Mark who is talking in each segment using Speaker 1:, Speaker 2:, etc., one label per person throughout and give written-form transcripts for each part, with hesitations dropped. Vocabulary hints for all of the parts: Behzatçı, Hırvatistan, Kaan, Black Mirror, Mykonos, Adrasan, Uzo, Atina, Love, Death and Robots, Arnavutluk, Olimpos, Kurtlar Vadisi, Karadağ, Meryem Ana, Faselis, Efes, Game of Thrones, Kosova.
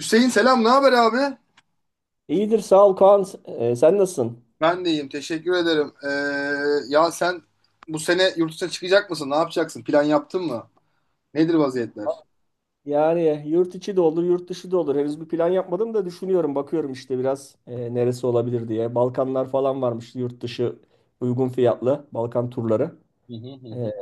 Speaker 1: Hüseyin selam, ne haber abi?
Speaker 2: İyidir sağ ol Kaan. Sen nasılsın?
Speaker 1: Ben de iyiyim, teşekkür ederim. Ya sen bu sene yurt dışına çıkacak mısın? Ne yapacaksın? Plan yaptın mı? Nedir vaziyetler?
Speaker 2: Yani yurt içi de olur, yurt dışı da olur. Henüz bir plan yapmadım da düşünüyorum, bakıyorum işte biraz neresi olabilir diye. Balkanlar falan varmış yurt dışı uygun fiyatlı Balkan turları.
Speaker 1: Hı hı hı
Speaker 2: Ee,
Speaker 1: hı.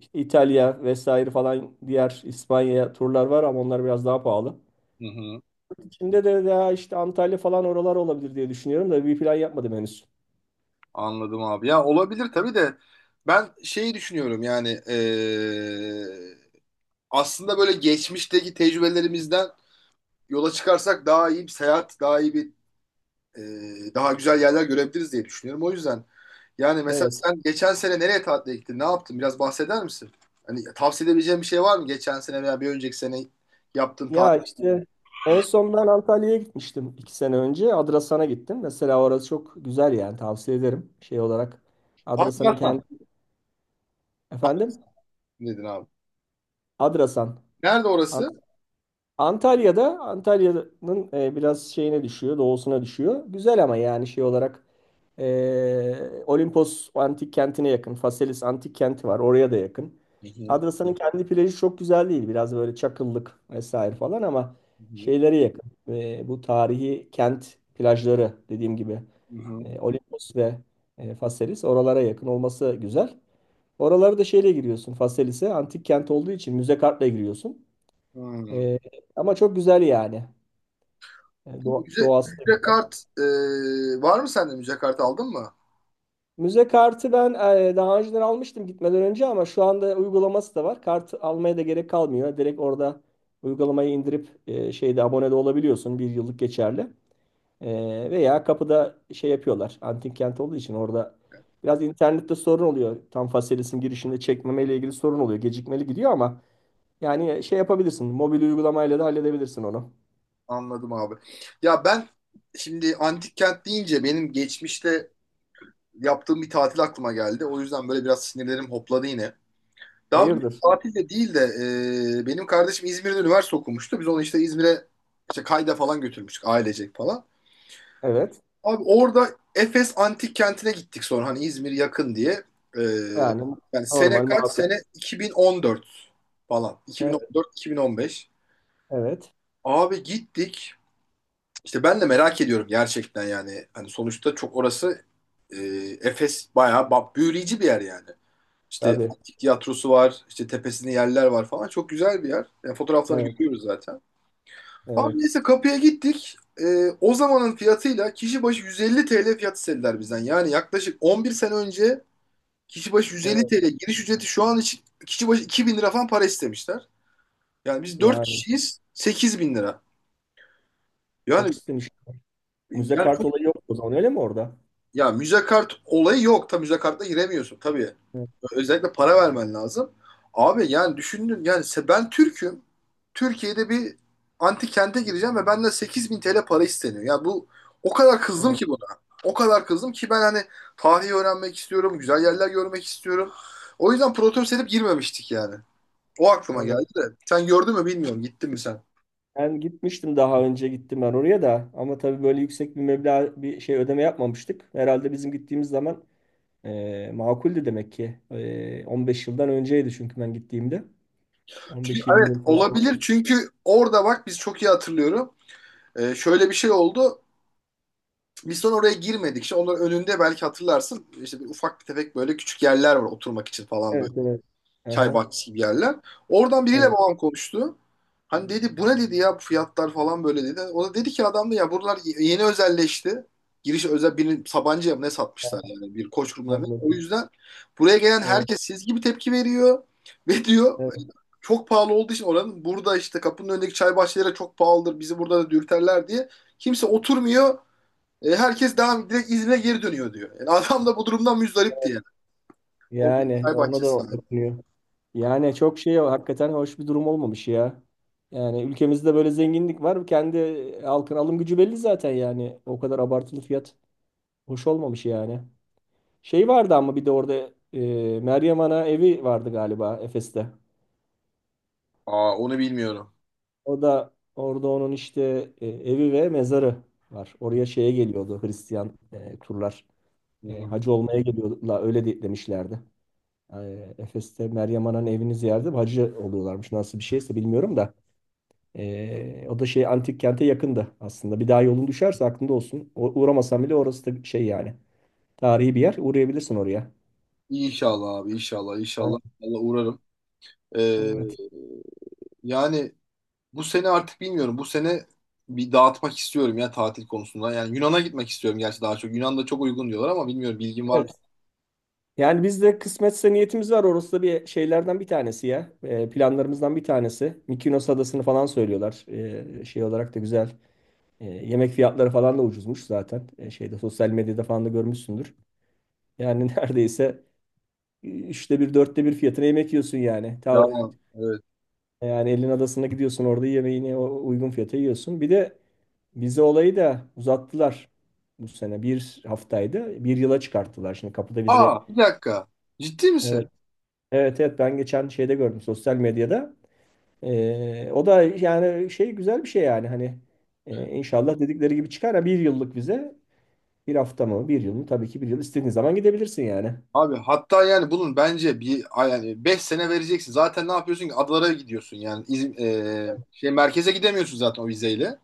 Speaker 2: işte İtalya vesaire falan diğer İspanya turlar var ama onlar biraz daha pahalı.
Speaker 1: Hı hı.
Speaker 2: Yurt içinde de daha işte Antalya falan oralar olabilir diye düşünüyorum da bir plan yapmadım henüz.
Speaker 1: Anladım abi. Ya olabilir tabii de ben şeyi düşünüyorum yani aslında böyle geçmişteki tecrübelerimizden yola çıkarsak daha iyi bir seyahat, daha iyi bir daha güzel yerler görebiliriz diye düşünüyorum. O yüzden yani mesela
Speaker 2: Evet.
Speaker 1: sen geçen sene nereye tatile gittin? Ne yaptın? Biraz bahseder misin? Hani tavsiye edebileceğim bir şey var mı? Geçen sene veya bir önceki sene yaptığın
Speaker 2: Ya
Speaker 1: tatillerden.
Speaker 2: işte en son ben Antalya'ya gitmiştim iki sene önce. Adrasan'a gittim. Mesela orası çok güzel yani tavsiye ederim. Şey olarak Adrasan'ın kendi
Speaker 1: Afganistan.
Speaker 2: efendim
Speaker 1: Afganistan dedin abi.
Speaker 2: Adrasan.
Speaker 1: Nerede orası?
Speaker 2: Antalya'da biraz şeyine düşüyor, doğusuna düşüyor. Güzel ama yani şey olarak Olimpos antik kentine yakın. Faselis antik kenti var, oraya da yakın.
Speaker 1: Hı hı.
Speaker 2: Adrasa'nın kendi plajı çok güzel değil. Biraz böyle çakıllık vesaire falan ama
Speaker 1: Hı hı.
Speaker 2: şeylere yakın. Bu tarihi kent plajları dediğim gibi
Speaker 1: Hı hı.
Speaker 2: Olimpos ve Faselis oralara yakın olması güzel. Oraları da şeyle giriyorsun. Faselis'e antik kent olduğu için müze kartla giriyorsun.
Speaker 1: Hı.
Speaker 2: Ee, Ama çok güzel yani.
Speaker 1: Müze,
Speaker 2: Doğası da
Speaker 1: müze
Speaker 2: güzel.
Speaker 1: kart var mı sende? Müze kartı aldın mı?
Speaker 2: Müze kartı ben daha önceden almıştım gitmeden önce ama şu anda uygulaması da var. Kart almaya da gerek kalmıyor. Direkt orada uygulamayı indirip şeyde abone de olabiliyorsun. Bir yıllık geçerli. Veya kapıda şey yapıyorlar. Antik kent olduğu için orada biraz internette sorun oluyor. Tam Faselis'in girişinde çekmeme ile ilgili sorun oluyor. Gecikmeli gidiyor ama yani şey yapabilirsin. Mobil uygulamayla da halledebilirsin onu.
Speaker 1: Anladım abi. Ya ben şimdi antik kent deyince benim geçmişte yaptığım bir tatil aklıma geldi. O yüzden böyle biraz sinirlerim hopladı yine. Daha doğrusu
Speaker 2: Hayırdır?
Speaker 1: tatil de değil de benim kardeşim İzmir'de üniversite okumuştu. Biz onu işte İzmir'e işte kayda falan götürmüştük ailecek falan.
Speaker 2: Evet.
Speaker 1: Abi orada Efes Antik Kenti'ne gittik sonra hani İzmir yakın diye. E,
Speaker 2: Yani
Speaker 1: Yani sene
Speaker 2: normal
Speaker 1: kaç?
Speaker 2: makul.
Speaker 1: Sene 2014 falan.
Speaker 2: Evet,
Speaker 1: 2014-2015.
Speaker 2: evet.
Speaker 1: Abi gittik. İşte ben de merak ediyorum gerçekten yani. Hani sonuçta çok orası, e, Efes bayağı büyüleyici bir yer yani. İşte
Speaker 2: Tabii.
Speaker 1: antik tiyatrosu var, işte tepesinde yerler var falan. Çok güzel bir yer. Yani fotoğraflarını
Speaker 2: Evet,
Speaker 1: görüyoruz zaten. Abi
Speaker 2: evet.
Speaker 1: neyse kapıya gittik. O zamanın fiyatıyla kişi başı 150 TL fiyat istediler bizden. Yani yaklaşık 11 sene önce kişi başı 150
Speaker 2: Evet,
Speaker 1: TL giriş ücreti şu an için kişi başı 2000 lira falan para istemişler. Yani biz 4
Speaker 2: yani
Speaker 1: kişiyiz 8000 lira.
Speaker 2: çok
Speaker 1: Yani
Speaker 2: istemiş. Müze
Speaker 1: yani
Speaker 2: kart
Speaker 1: çok-.
Speaker 2: olayı yok o zaman öyle mi orada?
Speaker 1: Ya müze kart olayı yok. Tabii müze kartla giremiyorsun tabii.
Speaker 2: Evet,
Speaker 1: Özellikle para vermen lazım. Abi yani düşündün yani ben Türk'üm. Türkiye'de bir antik kente gireceğim ve benden 8000 TL para isteniyor. Ya bu o kadar kızdım
Speaker 2: evet,
Speaker 1: ki buna. O kadar kızdım ki ben hani tarihi öğrenmek istiyorum, güzel yerler görmek istiyorum. O yüzden protest edip girmemiştik yani. O aklıma geldi
Speaker 2: evet.
Speaker 1: de. Sen gördün mü bilmiyorum. Gittin mi sen?
Speaker 2: Ben gitmiştim daha önce gittim ben oraya da ama tabii böyle yüksek bir meblağ bir şey ödeme yapmamıştık. Herhalde bizim gittiğimiz zaman makuldü demek ki. 15 yıldan önceydi çünkü ben gittiğimde.
Speaker 1: Çünkü,
Speaker 2: 15-20
Speaker 1: evet
Speaker 2: yıl falan.
Speaker 1: olabilir çünkü orada bak biz çok iyi hatırlıyorum. Şöyle bir şey oldu. Biz sonra oraya girmedik. İşte onların önünde belki hatırlarsın işte bir ufak bir tefek böyle küçük yerler var oturmak için falan
Speaker 2: Evet,
Speaker 1: böyle.
Speaker 2: evet.
Speaker 1: Çay
Speaker 2: Aha,
Speaker 1: bahçesi gibi yerler. Oradan biriyle
Speaker 2: evet.
Speaker 1: babam konuştu. Hani dedi bu ne dedi ya bu fiyatlar falan böyle dedi. O da dedi ki adam da ya buralar yeni özelleşti. Giriş özel birini Sabancı'ya mı ne satmışlar yani bir koç grubuna mı? O
Speaker 2: Anladım.
Speaker 1: yüzden buraya gelen
Speaker 2: Evet,
Speaker 1: herkes siz gibi tepki veriyor. Ve diyor
Speaker 2: evet.
Speaker 1: çok pahalı olduğu için oranın burada işte kapının önündeki çay bahçeleri çok pahalıdır. Bizi burada da dürterler diye. Kimse oturmuyor. Herkes devam direkt İzmir'e geri dönüyor diyor. Yani adam da bu durumdan müzdarip diye orada
Speaker 2: Yani
Speaker 1: çay
Speaker 2: ona da
Speaker 1: bahçesi sahibi.
Speaker 2: dokunuyor. Yani çok şey hakikaten hoş bir durum olmamış ya. Yani ülkemizde böyle zenginlik var. Kendi halkın alım gücü belli zaten yani. O kadar abartılı fiyat hoş olmamış yani. Şey vardı ama bir de orada e, Meryem Ana evi vardı galiba Efes'te.
Speaker 1: Aa onu bilmiyorum.
Speaker 2: O da orada onun işte evi ve mezarı var. Oraya şeye geliyordu Hristiyan turlar.
Speaker 1: Hı hı.
Speaker 2: Hacı olmaya geliyorlar öyle demişlerdi. Efes'te Meryem Ana'nın evini ziyaret edip hacı oluyorlarmış. Nasıl bir şeyse bilmiyorum da. O da şey antik kente yakında aslında. Bir daha yolun düşerse aklında olsun. Uğramasan bile orası da şey yani. Tarihi bir yer. Uğrayabilirsin oraya.
Speaker 1: İnşallah abi, inşallah inşallah. Allah uğrarım. Ee,
Speaker 2: Evet.
Speaker 1: Yani bu sene artık bilmiyorum. Bu sene bir dağıtmak istiyorum ya tatil konusunda. Yani Yunan'a gitmek istiyorum gerçi daha çok. Yunan'da çok uygun diyorlar ama bilmiyorum bilgim var mı?
Speaker 2: Evet. Yani biz de kısmetse niyetimiz var. Orası da bir şeylerden bir tanesi ya. Planlarımızdan bir tanesi. Mykonos adasını falan söylüyorlar. Şey olarak da güzel. Yemek fiyatları falan da ucuzmuş zaten. Şeyde sosyal medyada falan da görmüşsündür. Yani neredeyse üçte bir, dörtte bir fiyatına yemek yiyorsun yani.
Speaker 1: Ya
Speaker 2: Ta
Speaker 1: evet.
Speaker 2: yani elin adasına gidiyorsun orada yemeğini uygun fiyata yiyorsun. Bir de vize olayı da uzattılar bu sene. Bir haftaydı. Bir yıla çıkarttılar. Şimdi kapıda vize.
Speaker 1: Aa bir dakika. Ciddi misin?
Speaker 2: Evet. Evet, evet, ben geçen şeyde gördüm sosyal medyada. O da yani şey güzel bir şey yani hani inşallah dedikleri gibi çıkar. Ha, bir yıllık vize bir hafta mı bir yıl mı tabii ki bir yıl istediğin zaman gidebilirsin yani.
Speaker 1: Abi hatta yani bunun bence bir yani 5 sene vereceksin. Zaten ne yapıyorsun ki adalara gidiyorsun yani şey merkeze gidemiyorsun zaten o vizeyle.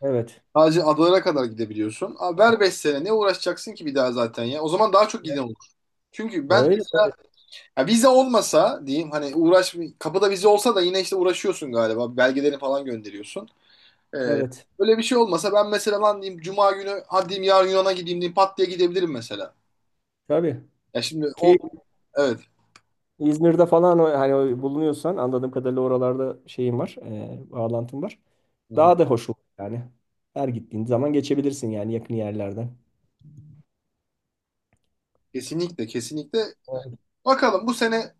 Speaker 2: Evet.
Speaker 1: Sadece adalara kadar gidebiliyorsun. Abi ver 5 sene ne uğraşacaksın ki bir daha zaten ya. O zaman daha çok giden olur. Çünkü ben
Speaker 2: Öyle tabii.
Speaker 1: ya vize olmasa diyeyim hani uğraş kapıda vize olsa da yine işte uğraşıyorsun galiba. Belgelerini falan gönderiyorsun. E,
Speaker 2: Evet.
Speaker 1: Öyle bir şey olmasa ben mesela lan diyeyim Cuma günü hadi diyeyim yarın Yunan'a gideyim diyeyim pat diye gidebilirim mesela.
Speaker 2: Tabii.
Speaker 1: Ya şimdi o
Speaker 2: Ki
Speaker 1: evet.
Speaker 2: İzmir'de falan hani bulunuyorsan anladığım kadarıyla oralarda şeyim var, bağlantım var.
Speaker 1: Hı hı.
Speaker 2: Daha da hoş olur yani. Her gittiğin zaman geçebilirsin yani yakın yerlerden.
Speaker 1: Kesinlikle, kesinlikle.
Speaker 2: Evet.
Speaker 1: Bakalım bu sene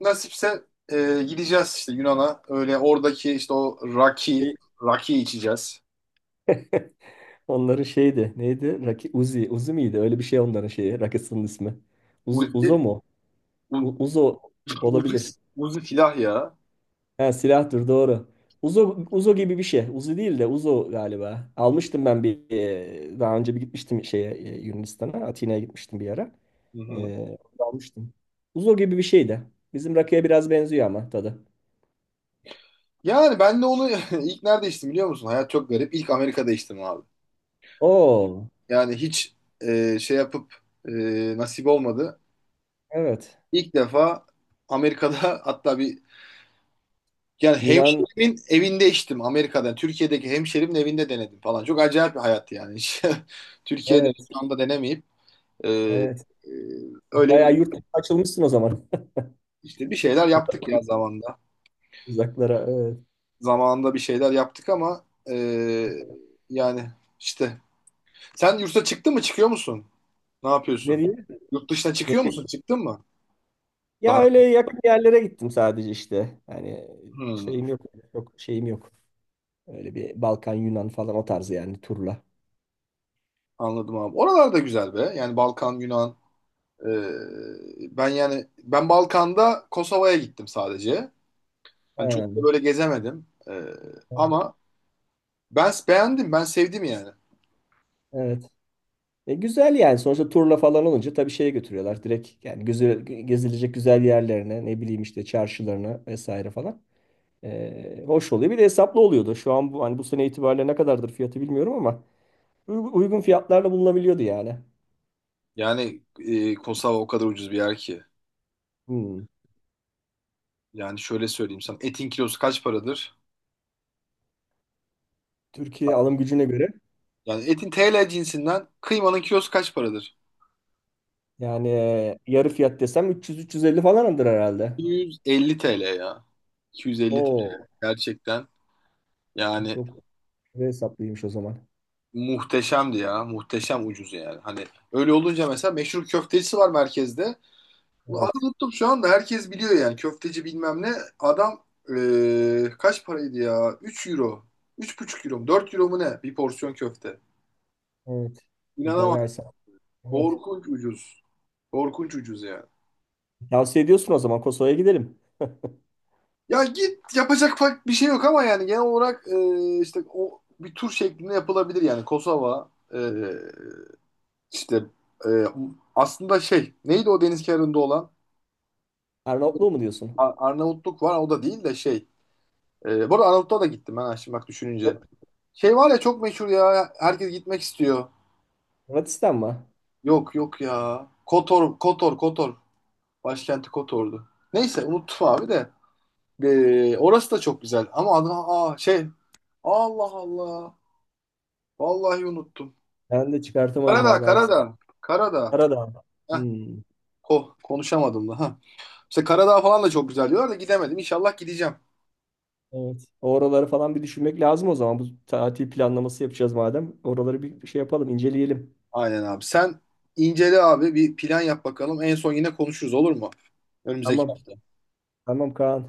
Speaker 1: nasipse gideceğiz işte Yunan'a. Öyle oradaki işte o
Speaker 2: Şey-
Speaker 1: raki içeceğiz.
Speaker 2: Onların şeydi, neydi? Raki, Uzi, Uzi miydi? Öyle bir şey onların şeyi, rakısının ismi. Uz,
Speaker 1: Uzi,
Speaker 2: Uzo mu?
Speaker 1: u,
Speaker 2: Uzo
Speaker 1: Uzi,
Speaker 2: olabilir.
Speaker 1: Uzi silah ya.
Speaker 2: Ha, silahtır doğru. Uzo, Uzo gibi bir şey. Uzi değil de Uzo galiba. Almıştım ben daha önce bir gitmiştim şeye Yunanistan'a. Atina'ya gitmiştim bir ara.
Speaker 1: Hı hı.
Speaker 2: E, Orada almıştım. Uzo gibi bir şey de. Bizim rakıya biraz benziyor ama tadı.
Speaker 1: Yani ben de onu ilk nerede içtim biliyor musun? Hayat çok garip. İlk Amerika'da içtim abi.
Speaker 2: Oo,
Speaker 1: Yani hiç şey yapıp, e, nasip olmadı.
Speaker 2: evet.
Speaker 1: İlk defa Amerika'da hatta bir yani
Speaker 2: Yunan
Speaker 1: hemşerimin evinde içtim Amerika'da. Türkiye'deki hemşerimin evinde denedim falan. Çok acayip bir hayat yani. Hiç Türkiye'de
Speaker 2: evet,
Speaker 1: şu anda denemeyip Ee,
Speaker 2: evet.
Speaker 1: e, öyle
Speaker 2: Bayağı
Speaker 1: bir-
Speaker 2: yurt dışına açılmışsın o zaman.
Speaker 1: işte bir şeyler yaptık ya zamanda.
Speaker 2: Uzaklara evet.
Speaker 1: Zamanında bir şeyler yaptık ama e, yani işte. Sen yurtta çıktın mı? Çıkıyor musun? Ne yapıyorsun?
Speaker 2: Nereye?
Speaker 1: Yurt dışına çıkıyor
Speaker 2: Nereye?
Speaker 1: musun? Çıktın mı?
Speaker 2: Ya
Speaker 1: Daha.
Speaker 2: öyle yakın yerlere gittim sadece işte. Yani
Speaker 1: Hmm,
Speaker 2: şeyim yok. Çok şeyim yok. Öyle bir Balkan, Yunan falan o tarzı yani turla.
Speaker 1: anladım abi. Oralar da güzel be. Yani Balkan, Yunan. Ben yani ben Balkan'da Kosova'ya gittim sadece. Hani çok
Speaker 2: Ha,
Speaker 1: da böyle gezemedim.
Speaker 2: evet,
Speaker 1: Ama ben beğendim. Ben sevdim yani.
Speaker 2: evet. Güzel yani. Sonuçta turla falan olunca tabii şeye götürüyorlar. Direkt yani gözü, gezilecek güzel yerlerine, ne bileyim işte çarşılarına vesaire falan. Hoş oluyor. Bir de hesaplı oluyordu. Şu an bu, hani bu sene itibariyle ne kadardır fiyatı bilmiyorum ama uygun fiyatlarla bulunabiliyordu yani.
Speaker 1: Yani Kosova o kadar ucuz bir yer ki.
Speaker 2: Hmm.
Speaker 1: Yani şöyle söyleyeyim sana. Etin kilosu kaç paradır?
Speaker 2: Türkiye alım gücüne göre
Speaker 1: Yani etin TL cinsinden kıymanın kilosu kaç paradır?
Speaker 2: yani yarı fiyat desem 300-350 falandır herhalde.
Speaker 1: 250 TL ya. 250 TL.
Speaker 2: Oo,
Speaker 1: Gerçekten yani
Speaker 2: çok hesaplıymış o zaman.
Speaker 1: muhteşemdi ya. Muhteşem ucuz yani. Hani öyle olunca mesela meşhur köftecisi var merkezde. Bunu adı
Speaker 2: Evet,
Speaker 1: unuttum şu anda. Herkes biliyor yani. Köfteci bilmem ne. Adam kaç paraydı ya? 3 euro. Üç buçuk euro mu? 4 euro mu ne? Bir porsiyon köfte.
Speaker 2: evet.
Speaker 1: İnanamam.
Speaker 2: Bayağı hesap. Evet.
Speaker 1: Korkunç ucuz. Korkunç ucuz yani.
Speaker 2: Tavsiye ediyorsun o zaman Kosova'ya gidelim.
Speaker 1: Ya git yapacak fark bir şey yok ama yani genel olarak işte o bir tur şeklinde yapılabilir yani Kosova, işte, e, aslında şey neydi o deniz kenarında olan
Speaker 2: Arnavutluğu mu diyorsun?
Speaker 1: Arnavutluk var o da değil de şey, bu arada Arnavutluğa da gittim ben ha, şimdi bak düşününce
Speaker 2: Hırvat-
Speaker 1: şey var ya çok meşhur ya herkes gitmek istiyor,
Speaker 2: Hırvatistan mı?
Speaker 1: yok yok ya Kotor, Kotor, Kotor, başkenti Kotor'du, neyse unuttum abi de. Orası da çok güzel ama adı, aa, şey, Allah Allah, vallahi unuttum.
Speaker 2: Ben de çıkartamadım
Speaker 1: Karadağ,
Speaker 2: vallahi.
Speaker 1: Karadağ, Karadağ.
Speaker 2: Karadağ.
Speaker 1: Heh,
Speaker 2: Hmm,
Speaker 1: konuşamadım da. Ha. İşte Karadağ falan da çok güzel diyorlar da gidemedim. İnşallah gideceğim.
Speaker 2: evet. Oraları falan bir düşünmek lazım o zaman. Bu tatil planlaması yapacağız madem. Oraları bir şey yapalım, inceleyelim.
Speaker 1: Aynen abi. Sen incele abi bir plan yap bakalım. En son yine konuşuruz olur mu? Önümüzdeki
Speaker 2: Tamam. Tamam Kaan.